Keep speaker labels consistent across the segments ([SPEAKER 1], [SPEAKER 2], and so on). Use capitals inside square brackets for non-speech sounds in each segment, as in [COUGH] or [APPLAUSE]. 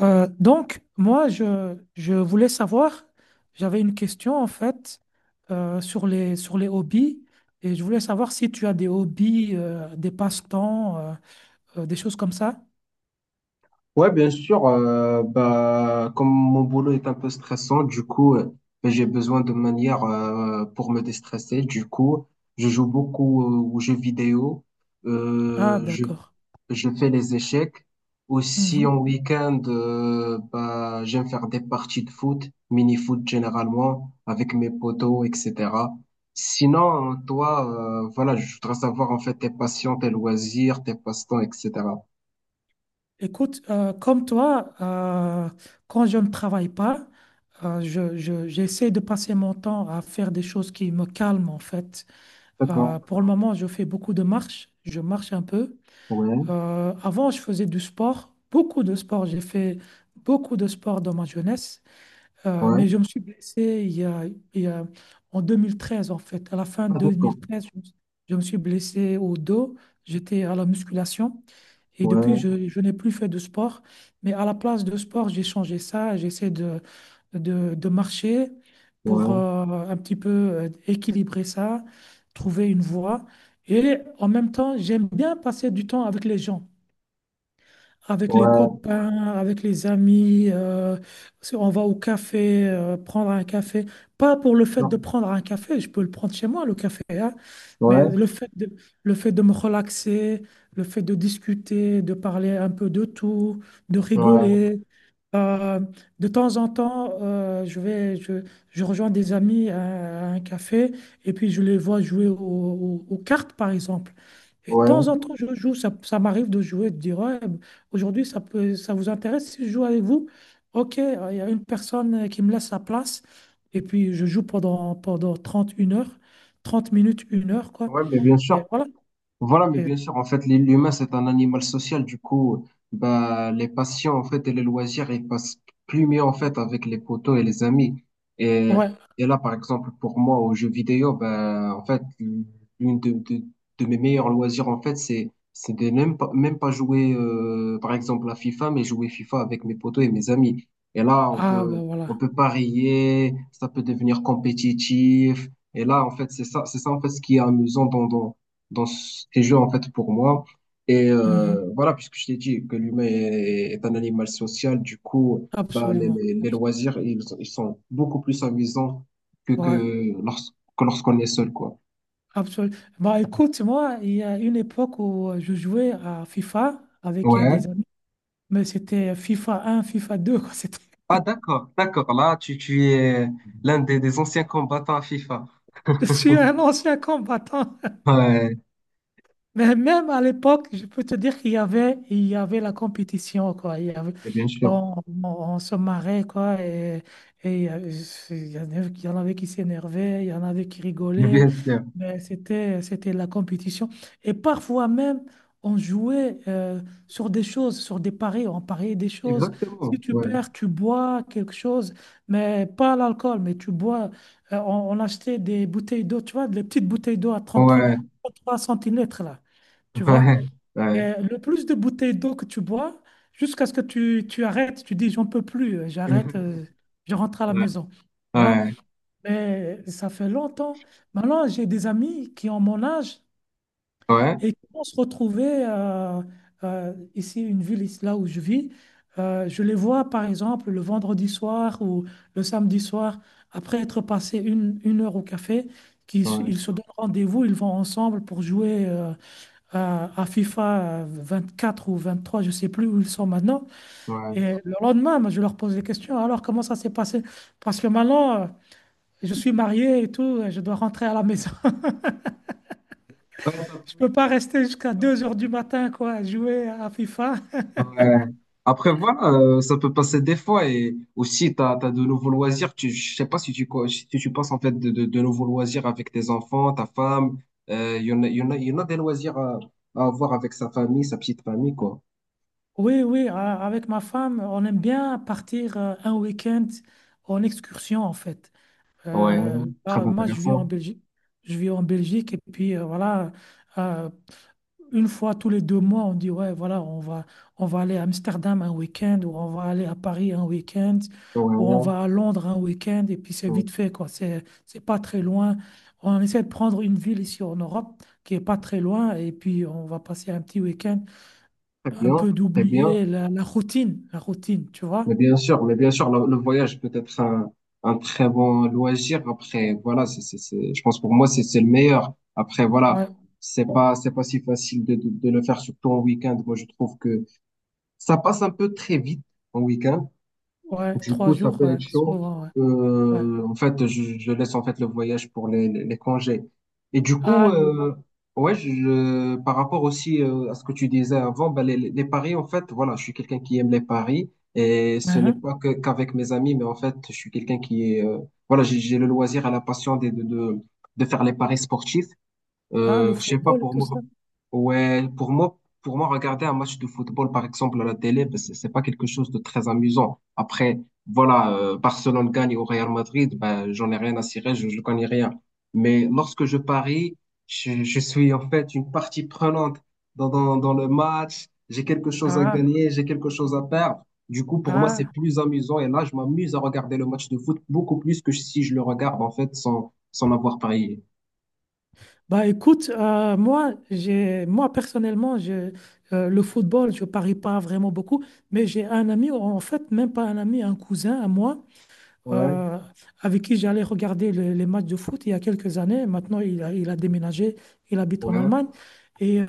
[SPEAKER 1] Donc, moi, je voulais savoir, j'avais une question en fait sur les hobbies et je voulais savoir si tu as des hobbies, des passe-temps, des choses comme ça.
[SPEAKER 2] Ouais, bien sûr. Bah, comme mon boulot est un peu stressant, du coup, bah, j'ai besoin de manière pour me déstresser. Du coup, je joue beaucoup aux jeux vidéo.
[SPEAKER 1] Ah,
[SPEAKER 2] Euh, je,
[SPEAKER 1] d'accord.
[SPEAKER 2] je fais les échecs. Aussi, en
[SPEAKER 1] Mhm.
[SPEAKER 2] week-end, bah, j'aime faire des parties de foot, mini-foot généralement, avec mes potos, etc. Sinon, toi, voilà, je voudrais savoir en fait tes passions, tes loisirs, tes passe-temps, etc.
[SPEAKER 1] Écoute, comme toi, quand je ne travaille pas, j'essaie de passer mon temps à faire des choses qui me calment en fait.
[SPEAKER 2] D'accord.
[SPEAKER 1] Pour le moment, je fais beaucoup de marches, je marche un peu.
[SPEAKER 2] Ouais,
[SPEAKER 1] Avant, je faisais du sport, beaucoup de sport. J'ai fait beaucoup de sport dans ma jeunesse.
[SPEAKER 2] ouais.
[SPEAKER 1] Mais je me suis blessé il y a- en 2013, en fait. À la fin de
[SPEAKER 2] Ah, d'accord.
[SPEAKER 1] 2013, je me suis blessé au dos. J'étais à la musculation et depuis,
[SPEAKER 2] Ouais,
[SPEAKER 1] je n'ai plus fait de sport. Mais à la place de sport, j'ai changé ça. J'essaie de marcher
[SPEAKER 2] ouais,
[SPEAKER 1] pour
[SPEAKER 2] ouais,
[SPEAKER 1] un petit peu équilibrer ça, trouver une voie. Et en même temps, j'aime bien passer du temps avec les gens, avec les
[SPEAKER 2] ouais,
[SPEAKER 1] copains, avec les amis. Si on va au café, prendre un café. Pas pour le fait de
[SPEAKER 2] non,
[SPEAKER 1] prendre un café, je peux le prendre chez moi, le café, hein, mais
[SPEAKER 2] ouais,
[SPEAKER 1] le fait de me relaxer, le fait de discuter, de parler un peu de tout, de
[SPEAKER 2] ouais,
[SPEAKER 1] rigoler. Euh, de temps en temps, je rejoins des amis à un café et puis je les vois jouer aux cartes, par exemple. Et de temps
[SPEAKER 2] ouais,
[SPEAKER 1] en temps, je joue, ça m'arrive de jouer, de dire, ouais. Aujourd'hui, ça vous intéresse si je joue avec vous? Ok, il y a une personne qui me laisse sa place et puis je joue pendant 30 une heure, 30 minutes, une heure, quoi.
[SPEAKER 2] ouais, mais bien
[SPEAKER 1] Et
[SPEAKER 2] sûr.
[SPEAKER 1] voilà.
[SPEAKER 2] Voilà, mais
[SPEAKER 1] Et-
[SPEAKER 2] bien sûr, en fait, l'humain, c'est un animal social. Du coup, bah, les passions, en fait, et les loisirs, ils passent plus mieux, en fait, avec les potos et les amis. Et,
[SPEAKER 1] ouais,
[SPEAKER 2] et là, par exemple, pour moi, aux jeux vidéo, bah, en fait, l'une de mes meilleurs loisirs, en fait, c'est de même pas jouer, par exemple, à FIFA, mais jouer FIFA avec mes potos et mes amis. Et là,
[SPEAKER 1] ah bah
[SPEAKER 2] on
[SPEAKER 1] voilà.
[SPEAKER 2] peut parier, ça peut devenir compétitif. Et là, en fait, c'est ça, en fait, ce qui est amusant dans ces jeux, en fait, pour moi. Et
[SPEAKER 1] Mhm.
[SPEAKER 2] voilà, puisque je t'ai dit que l'humain est un animal social, du coup, bah,
[SPEAKER 1] Absolument.
[SPEAKER 2] les loisirs, ils sont beaucoup plus amusants
[SPEAKER 1] Ouais,
[SPEAKER 2] que lorsqu'on est seul, quoi.
[SPEAKER 1] absolument. Bah écoute, moi, il y a une époque où je jouais à FIFA avec des
[SPEAKER 2] Ouais.
[SPEAKER 1] amis, mais c'était FIFA 1, FIFA 2, quoi. C'était.
[SPEAKER 2] Ah, d'accord, d'accord. Là, tu es l'un des anciens combattants à FIFA.
[SPEAKER 1] [LAUGHS] Je suis un ancien combattant.
[SPEAKER 2] Ouais,
[SPEAKER 1] Mais même à l'époque, je peux te dire qu'il y avait la compétition, quoi. Il y avait,
[SPEAKER 2] mais bien sûr.
[SPEAKER 1] on, on- On se marrait, quoi. Et il y avait- il y en avait il y en avait qui s'énervaient, il y en avait qui
[SPEAKER 2] [LAUGHS] Mais
[SPEAKER 1] rigolaient.
[SPEAKER 2] bien sûr.
[SPEAKER 1] Mais c'était la compétition. Et parfois même, on jouait sur des choses, sur des paris. On pariait des choses. Si
[SPEAKER 2] Exactement.
[SPEAKER 1] tu
[SPEAKER 2] Ouais.
[SPEAKER 1] perds, tu bois quelque chose, mais pas l'alcool, mais tu bois. On achetait des bouteilles d'eau, tu vois, des petites bouteilles d'eau à trente-trois
[SPEAKER 2] Ouais.
[SPEAKER 1] trente-trois centilitres, là tu vois.
[SPEAKER 2] Ouais.
[SPEAKER 1] Et
[SPEAKER 2] Ouais.
[SPEAKER 1] le plus de bouteilles d'eau que tu bois, jusqu'à ce que tu arrêtes, tu dis, j'en peux plus, j'arrête, je
[SPEAKER 2] [LAUGHS]
[SPEAKER 1] rentre à la
[SPEAKER 2] Ouais.
[SPEAKER 1] maison, tu vois.
[SPEAKER 2] Ouais.
[SPEAKER 1] Mais ça fait longtemps. Maintenant, j'ai des amis qui ont mon âge
[SPEAKER 2] Ouais.
[SPEAKER 1] et qui vont se retrouver ici, une ville, ici, là où je vis. Je les vois, par exemple, le vendredi soir ou le samedi soir, après être passé une heure au café, qu'ils,
[SPEAKER 2] Ouais.
[SPEAKER 1] ils se donnent rendez-vous, ils vont ensemble pour jouer. À FIFA 24 ou 23, je ne sais plus où ils sont maintenant.
[SPEAKER 2] Ouais.
[SPEAKER 1] Et le lendemain, moi, je leur pose des questions. Alors, comment ça s'est passé? Parce que maintenant, je suis marié et tout, et je dois rentrer à la maison. [LAUGHS]
[SPEAKER 2] Ouais.
[SPEAKER 1] Je ne peux pas rester jusqu'à 2 heures du matin, quoi, jouer à FIFA. [LAUGHS]
[SPEAKER 2] Ouais. Après, voilà, ça peut passer des fois et aussi, tu as, de nouveaux loisirs. Je sais pas si tu, si tu passes en fait de nouveaux loisirs avec tes enfants, ta femme. Il y en a, il y en a des loisirs à avoir avec sa famille, sa petite famille, quoi.
[SPEAKER 1] Oui, oui, avec ma femme, on aime bien partir un week-end en excursion, en fait.
[SPEAKER 2] Ouais, très
[SPEAKER 1] Là, moi, je vis en
[SPEAKER 2] intéressant.
[SPEAKER 1] Belgique. Je vis en Belgique et puis voilà. euh, une fois tous les 2 mois, on dit, ouais, voilà, on va aller à Amsterdam un week-end, ou on va aller à Paris un week-end,
[SPEAKER 2] Ouais,
[SPEAKER 1] ou on
[SPEAKER 2] ouais.
[SPEAKER 1] va à Londres un week-end, et puis c'est
[SPEAKER 2] Ouais.
[SPEAKER 1] vite fait, quoi. C'est pas très loin. On essaie de prendre une ville ici en Europe qui est pas très loin, et puis on va passer un petit week-end,
[SPEAKER 2] Très
[SPEAKER 1] un
[SPEAKER 2] bien,
[SPEAKER 1] peu
[SPEAKER 2] très bien.
[SPEAKER 1] d'oublier la routine, tu vois?
[SPEAKER 2] Mais bien sûr, le voyage peut être un très bon loisir. Après, voilà, je pense pour moi, c'est le meilleur. Après, voilà,
[SPEAKER 1] Ouais,
[SPEAKER 2] c'est pas si facile de le faire, surtout en week-end. Moi, je trouve que ça passe un peu très vite en week-end.
[SPEAKER 1] ouais,
[SPEAKER 2] Du
[SPEAKER 1] trois
[SPEAKER 2] coup, ça
[SPEAKER 1] jours,
[SPEAKER 2] peut
[SPEAKER 1] ouais,
[SPEAKER 2] être chaud.
[SPEAKER 1] souvent, ouais, ouais.
[SPEAKER 2] En fait, je laisse en fait le voyage pour les congés. Et du coup,
[SPEAKER 1] Ah.
[SPEAKER 2] ouais, par rapport aussi à ce que tu disais avant, ben les paris, en fait, voilà, je suis quelqu'un qui aime les paris. Et ce n'est
[SPEAKER 1] Uhum.
[SPEAKER 2] pas que qu'avec mes amis, mais en fait, je suis quelqu'un qui est, voilà, j'ai le loisir et la passion de faire les paris sportifs.
[SPEAKER 1] Ah, le
[SPEAKER 2] Je sais pas,
[SPEAKER 1] football et
[SPEAKER 2] pour
[SPEAKER 1] tout ça.
[SPEAKER 2] moi, ouais, pour moi, regarder un match de football, par exemple, à la télé, ben, c'est pas quelque chose de très amusant. Après, voilà, Barcelone gagne au Real Madrid, ben, j'en ai rien à cirer, je connais rien. Mais lorsque je parie, je suis en fait une partie prenante dans le match. J'ai quelque chose à
[SPEAKER 1] Ah,
[SPEAKER 2] gagner, j'ai quelque chose à perdre. Du coup, pour moi, c'est
[SPEAKER 1] ah.
[SPEAKER 2] plus amusant. Et là, je m'amuse à regarder le match de foot beaucoup plus que si je le regarde, en fait, sans l'avoir parié.
[SPEAKER 1] Bah écoute, moi, moi personnellement, le football, je parie pas vraiment beaucoup, mais j'ai un ami, en fait, même pas un ami, un cousin à moi,
[SPEAKER 2] Ouais,
[SPEAKER 1] euh, avec qui j'allais regarder les matchs de foot il y a quelques années. Maintenant, il a déménagé, il habite en
[SPEAKER 2] ouais,
[SPEAKER 1] Allemagne. Et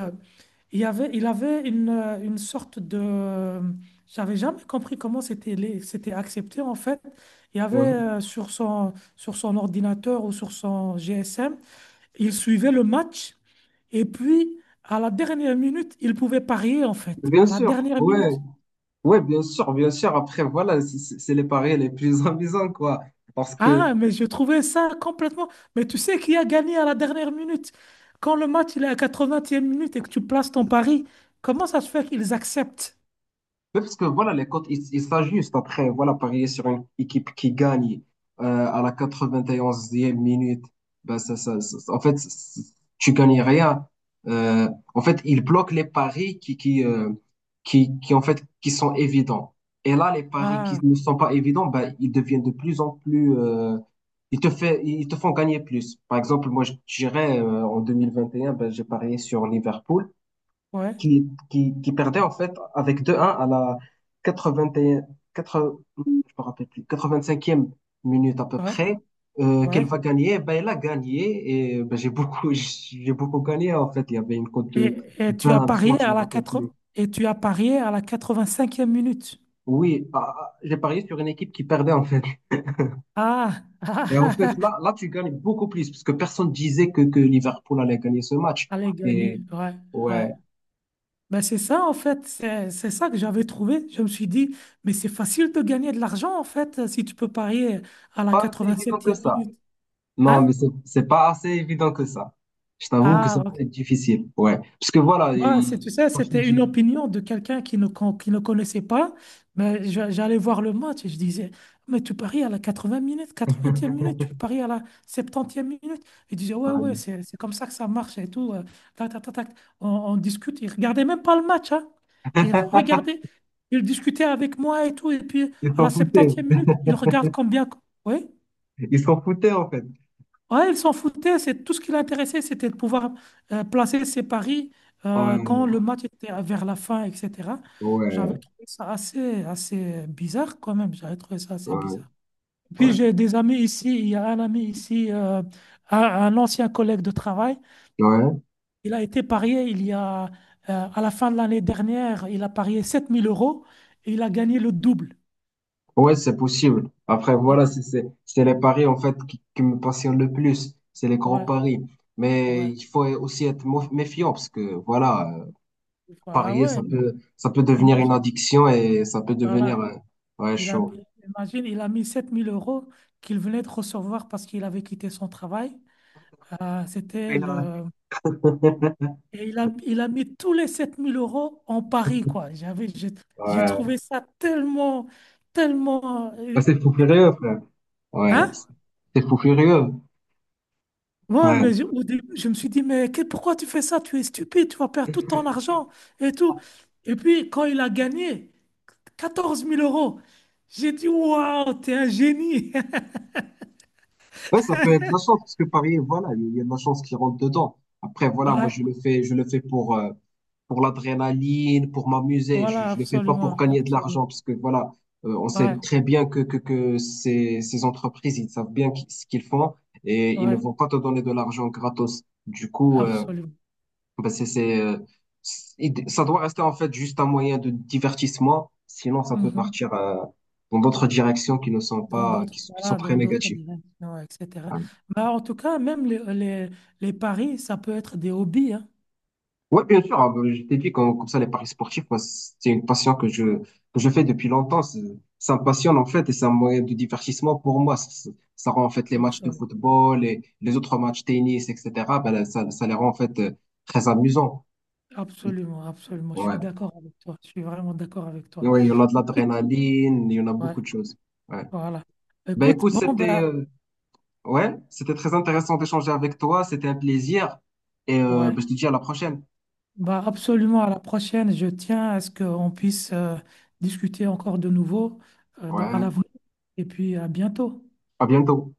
[SPEAKER 1] il avait une, une sorte de. J'avais jamais compris comment c'était accepté, en fait. Il y avait
[SPEAKER 2] ouais.
[SPEAKER 1] sur son ordinateur ou sur son GSM, il suivait le match. Et puis, à la dernière minute, ils pouvaient parier, en fait.
[SPEAKER 2] Bien
[SPEAKER 1] À la
[SPEAKER 2] sûr,
[SPEAKER 1] dernière
[SPEAKER 2] ouais,
[SPEAKER 1] minute.
[SPEAKER 2] ouais, bien sûr, bien sûr. Après, voilà, c'est les paris les plus [LAUGHS] amusants, quoi. Parce que,
[SPEAKER 1] Ah, mais je trouvais ça complètement. Mais tu sais qui a gagné à la dernière minute? Quand le match il est à 80e minute et que tu places ton pari, comment ça se fait qu'ils acceptent?
[SPEAKER 2] Oui, parce que voilà, les cotes, ils s'ajustent après. Voilà, parier sur une équipe qui gagne à la quatre-vingt-onzième minute, ben ça, en fait, tu gagnes rien. En fait, ils bloquent les paris qui, en fait, qui sont évidents. Et là, les paris qui
[SPEAKER 1] Ah,
[SPEAKER 2] ne sont pas évidents, ben, ils deviennent de plus en plus, ils te font gagner plus. Par exemple, moi, je dirais en 2021 ben, j'ai parié sur Liverpool
[SPEAKER 1] ouais,
[SPEAKER 2] qui perdait en fait avec 2-1 à la 81, 80 je me rappelle plus, 85e minute à peu
[SPEAKER 1] ouais,
[SPEAKER 2] près, qu'elle
[SPEAKER 1] ouais.
[SPEAKER 2] va gagner. Ben, elle a gagné et ben, j'ai beaucoup, [LAUGHS] j'ai beaucoup gagné en fait. Il y avait une cote de
[SPEAKER 1] Et tu as
[SPEAKER 2] 20,
[SPEAKER 1] parié
[SPEAKER 2] 30, je
[SPEAKER 1] à
[SPEAKER 2] me
[SPEAKER 1] la
[SPEAKER 2] rappelle plus.
[SPEAKER 1] quatre. Et tu as parié à la 85e minute.
[SPEAKER 2] Oui, ah, ah, j'ai parié sur une équipe qui perdait en fait.
[SPEAKER 1] Ah, ah,
[SPEAKER 2] Et en fait,
[SPEAKER 1] ah, [LAUGHS]
[SPEAKER 2] là, tu gagnes beaucoup plus parce que personne disait que Liverpool allait gagner ce match.
[SPEAKER 1] allez
[SPEAKER 2] Et
[SPEAKER 1] gagner. Ouais, ouais.
[SPEAKER 2] ouais,
[SPEAKER 1] Ben c'est ça, en fait, c'est ça que j'avais trouvé. Je me suis dit, mais c'est facile de gagner de l'argent, en fait, si tu peux parier à la
[SPEAKER 2] pas si évident que
[SPEAKER 1] quatre-vingt-septième
[SPEAKER 2] ça.
[SPEAKER 1] minute.
[SPEAKER 2] Non,
[SPEAKER 1] Hein?
[SPEAKER 2] mais c'est pas assez évident que ça. Je t'avoue que c'est
[SPEAKER 1] Ah,
[SPEAKER 2] difficile. Ouais. Parce que voilà,
[SPEAKER 1] moi, tu sais,
[SPEAKER 2] quand je t'ai
[SPEAKER 1] c'était une
[SPEAKER 2] dit,
[SPEAKER 1] opinion de quelqu'un qui ne connaissait pas, mais j'allais voir le match et je disais, mais tu paries à la quatre e minute, 80e minute, tu
[SPEAKER 2] [LAUGHS]
[SPEAKER 1] paries à la 70e minute. Il disait, ouais, ouais,
[SPEAKER 2] ouais,
[SPEAKER 1] c'est comme ça que ça marche et tout. Tac, tac, tac, tac. On discute. Il regardait même pas le match, hein. Il regardait, il discutait avec moi et tout. Et puis,
[SPEAKER 2] ils
[SPEAKER 1] à
[SPEAKER 2] s'en
[SPEAKER 1] la
[SPEAKER 2] foutaient.
[SPEAKER 1] 70e minute, il regarde combien. Oui.
[SPEAKER 2] Ils s'en foutaient, en fait.
[SPEAKER 1] Ouais, il s'en foutait. C'est tout ce qui l'intéressait, c'était de pouvoir placer ses paris
[SPEAKER 2] Ouais,
[SPEAKER 1] quand le match était vers la fin, etc. J'avais
[SPEAKER 2] ouais,
[SPEAKER 1] trouvé ça assez bizarre quand même. J'avais trouvé ça assez
[SPEAKER 2] ouais,
[SPEAKER 1] bizarre. Puis
[SPEAKER 2] ouais.
[SPEAKER 1] j'ai des amis ici. Il y a un ami ici, un ancien collègue de travail.
[SPEAKER 2] Ouais,
[SPEAKER 1] Il a été parié à la fin de l'année dernière, il a parié 7 000 euros et il a gagné le double.
[SPEAKER 2] ouais, c'est possible. Après,
[SPEAKER 1] Il
[SPEAKER 2] voilà,
[SPEAKER 1] a.
[SPEAKER 2] c'est les paris, en fait, qui me passionnent le plus. C'est les gros
[SPEAKER 1] Ouais,
[SPEAKER 2] paris. Mais il
[SPEAKER 1] ouais.
[SPEAKER 2] faut aussi être méfiant parce que, voilà,
[SPEAKER 1] Ah
[SPEAKER 2] parier,
[SPEAKER 1] ouais,
[SPEAKER 2] ça peut devenir une
[SPEAKER 1] imagine.
[SPEAKER 2] addiction et ça peut devenir,
[SPEAKER 1] Voilà.
[SPEAKER 2] ouais,
[SPEAKER 1] Il a,
[SPEAKER 2] chaud.
[SPEAKER 1] imagine, il a mis 7 000 euros qu'il venait de recevoir parce qu'il avait quitté son travail. C'était
[SPEAKER 2] Et là,
[SPEAKER 1] le. Et il a mis tous les 7 000 euros en Paris, quoi. J'ai
[SPEAKER 2] Ouais.
[SPEAKER 1] trouvé ça tellement, tellement.
[SPEAKER 2] Ah, c'est fou furieux, frère. Ouais.
[SPEAKER 1] Hein?
[SPEAKER 2] C'est fou furieux.
[SPEAKER 1] Ouais,
[SPEAKER 2] Ouais.
[SPEAKER 1] mais au début, je me suis dit, mais pourquoi tu fais ça? Tu es stupide, tu vas perdre tout ton argent et tout. Et puis, quand il a gagné 14 000 euros, j'ai dit, waouh, t'es un génie. [LAUGHS]
[SPEAKER 2] Ouais, ça peut être de la chance, parce que parier, voilà, il y a de la chance qui rentre dedans. Après, voilà, moi,
[SPEAKER 1] Ouais,
[SPEAKER 2] je le fais pour l'adrénaline, pour m'amuser.
[SPEAKER 1] voilà,
[SPEAKER 2] Je le fais pas
[SPEAKER 1] absolument,
[SPEAKER 2] pour gagner de
[SPEAKER 1] absolument.
[SPEAKER 2] l'argent, parce que voilà, on sait
[SPEAKER 1] Ouais.
[SPEAKER 2] très bien que ces entreprises, ils savent bien ce qu'ils font et ils ne
[SPEAKER 1] Ouais,
[SPEAKER 2] vont pas te donner de l'argent gratos. Du coup,
[SPEAKER 1] absolument.
[SPEAKER 2] bah ça doit rester en fait juste un moyen de divertissement, sinon ça peut
[SPEAKER 1] Mhm.
[SPEAKER 2] partir dans d'autres directions qui ne sont
[SPEAKER 1] Dans
[SPEAKER 2] pas,
[SPEAKER 1] d'autres,
[SPEAKER 2] qui sont
[SPEAKER 1] voilà,
[SPEAKER 2] très
[SPEAKER 1] dans d'autres
[SPEAKER 2] négatives.
[SPEAKER 1] directions, etc.
[SPEAKER 2] Voilà.
[SPEAKER 1] Bah, en tout cas, même les paris, ça peut être des hobbies, hein.
[SPEAKER 2] Ouais, bien sûr, hein, bah, je t'ai dit comme ça les paris sportifs, moi, c'est une passion que je fais depuis longtemps. Ça me passionne en fait et c'est un moyen de divertissement pour moi. Ça rend en fait les matchs de
[SPEAKER 1] Absolument.
[SPEAKER 2] football et les autres matchs tennis, etc. Ben, là, ça les rend en fait très amusants.
[SPEAKER 1] Absolument, absolument. Je
[SPEAKER 2] Ouais.
[SPEAKER 1] suis d'accord avec toi. Je suis vraiment d'accord avec
[SPEAKER 2] Et
[SPEAKER 1] toi.
[SPEAKER 2] ouais, il y en a de
[SPEAKER 1] Écoute,
[SPEAKER 2] l'adrénaline, il y en a
[SPEAKER 1] ouais,
[SPEAKER 2] beaucoup de choses. Ouais.
[SPEAKER 1] voilà.
[SPEAKER 2] Ben
[SPEAKER 1] Écoute,
[SPEAKER 2] écoute,
[SPEAKER 1] bon,
[SPEAKER 2] c'était
[SPEAKER 1] bah,
[SPEAKER 2] ouais, c'était très intéressant d'échanger avec toi, c'était un plaisir et ben,
[SPEAKER 1] ouais,
[SPEAKER 2] je te dis à la prochaine.
[SPEAKER 1] bah, absolument. À la prochaine, je tiens à ce qu'on puisse discuter encore de nouveau à
[SPEAKER 2] Ouais,
[SPEAKER 1] l'avenir. Et puis, à bientôt.
[SPEAKER 2] à bientôt.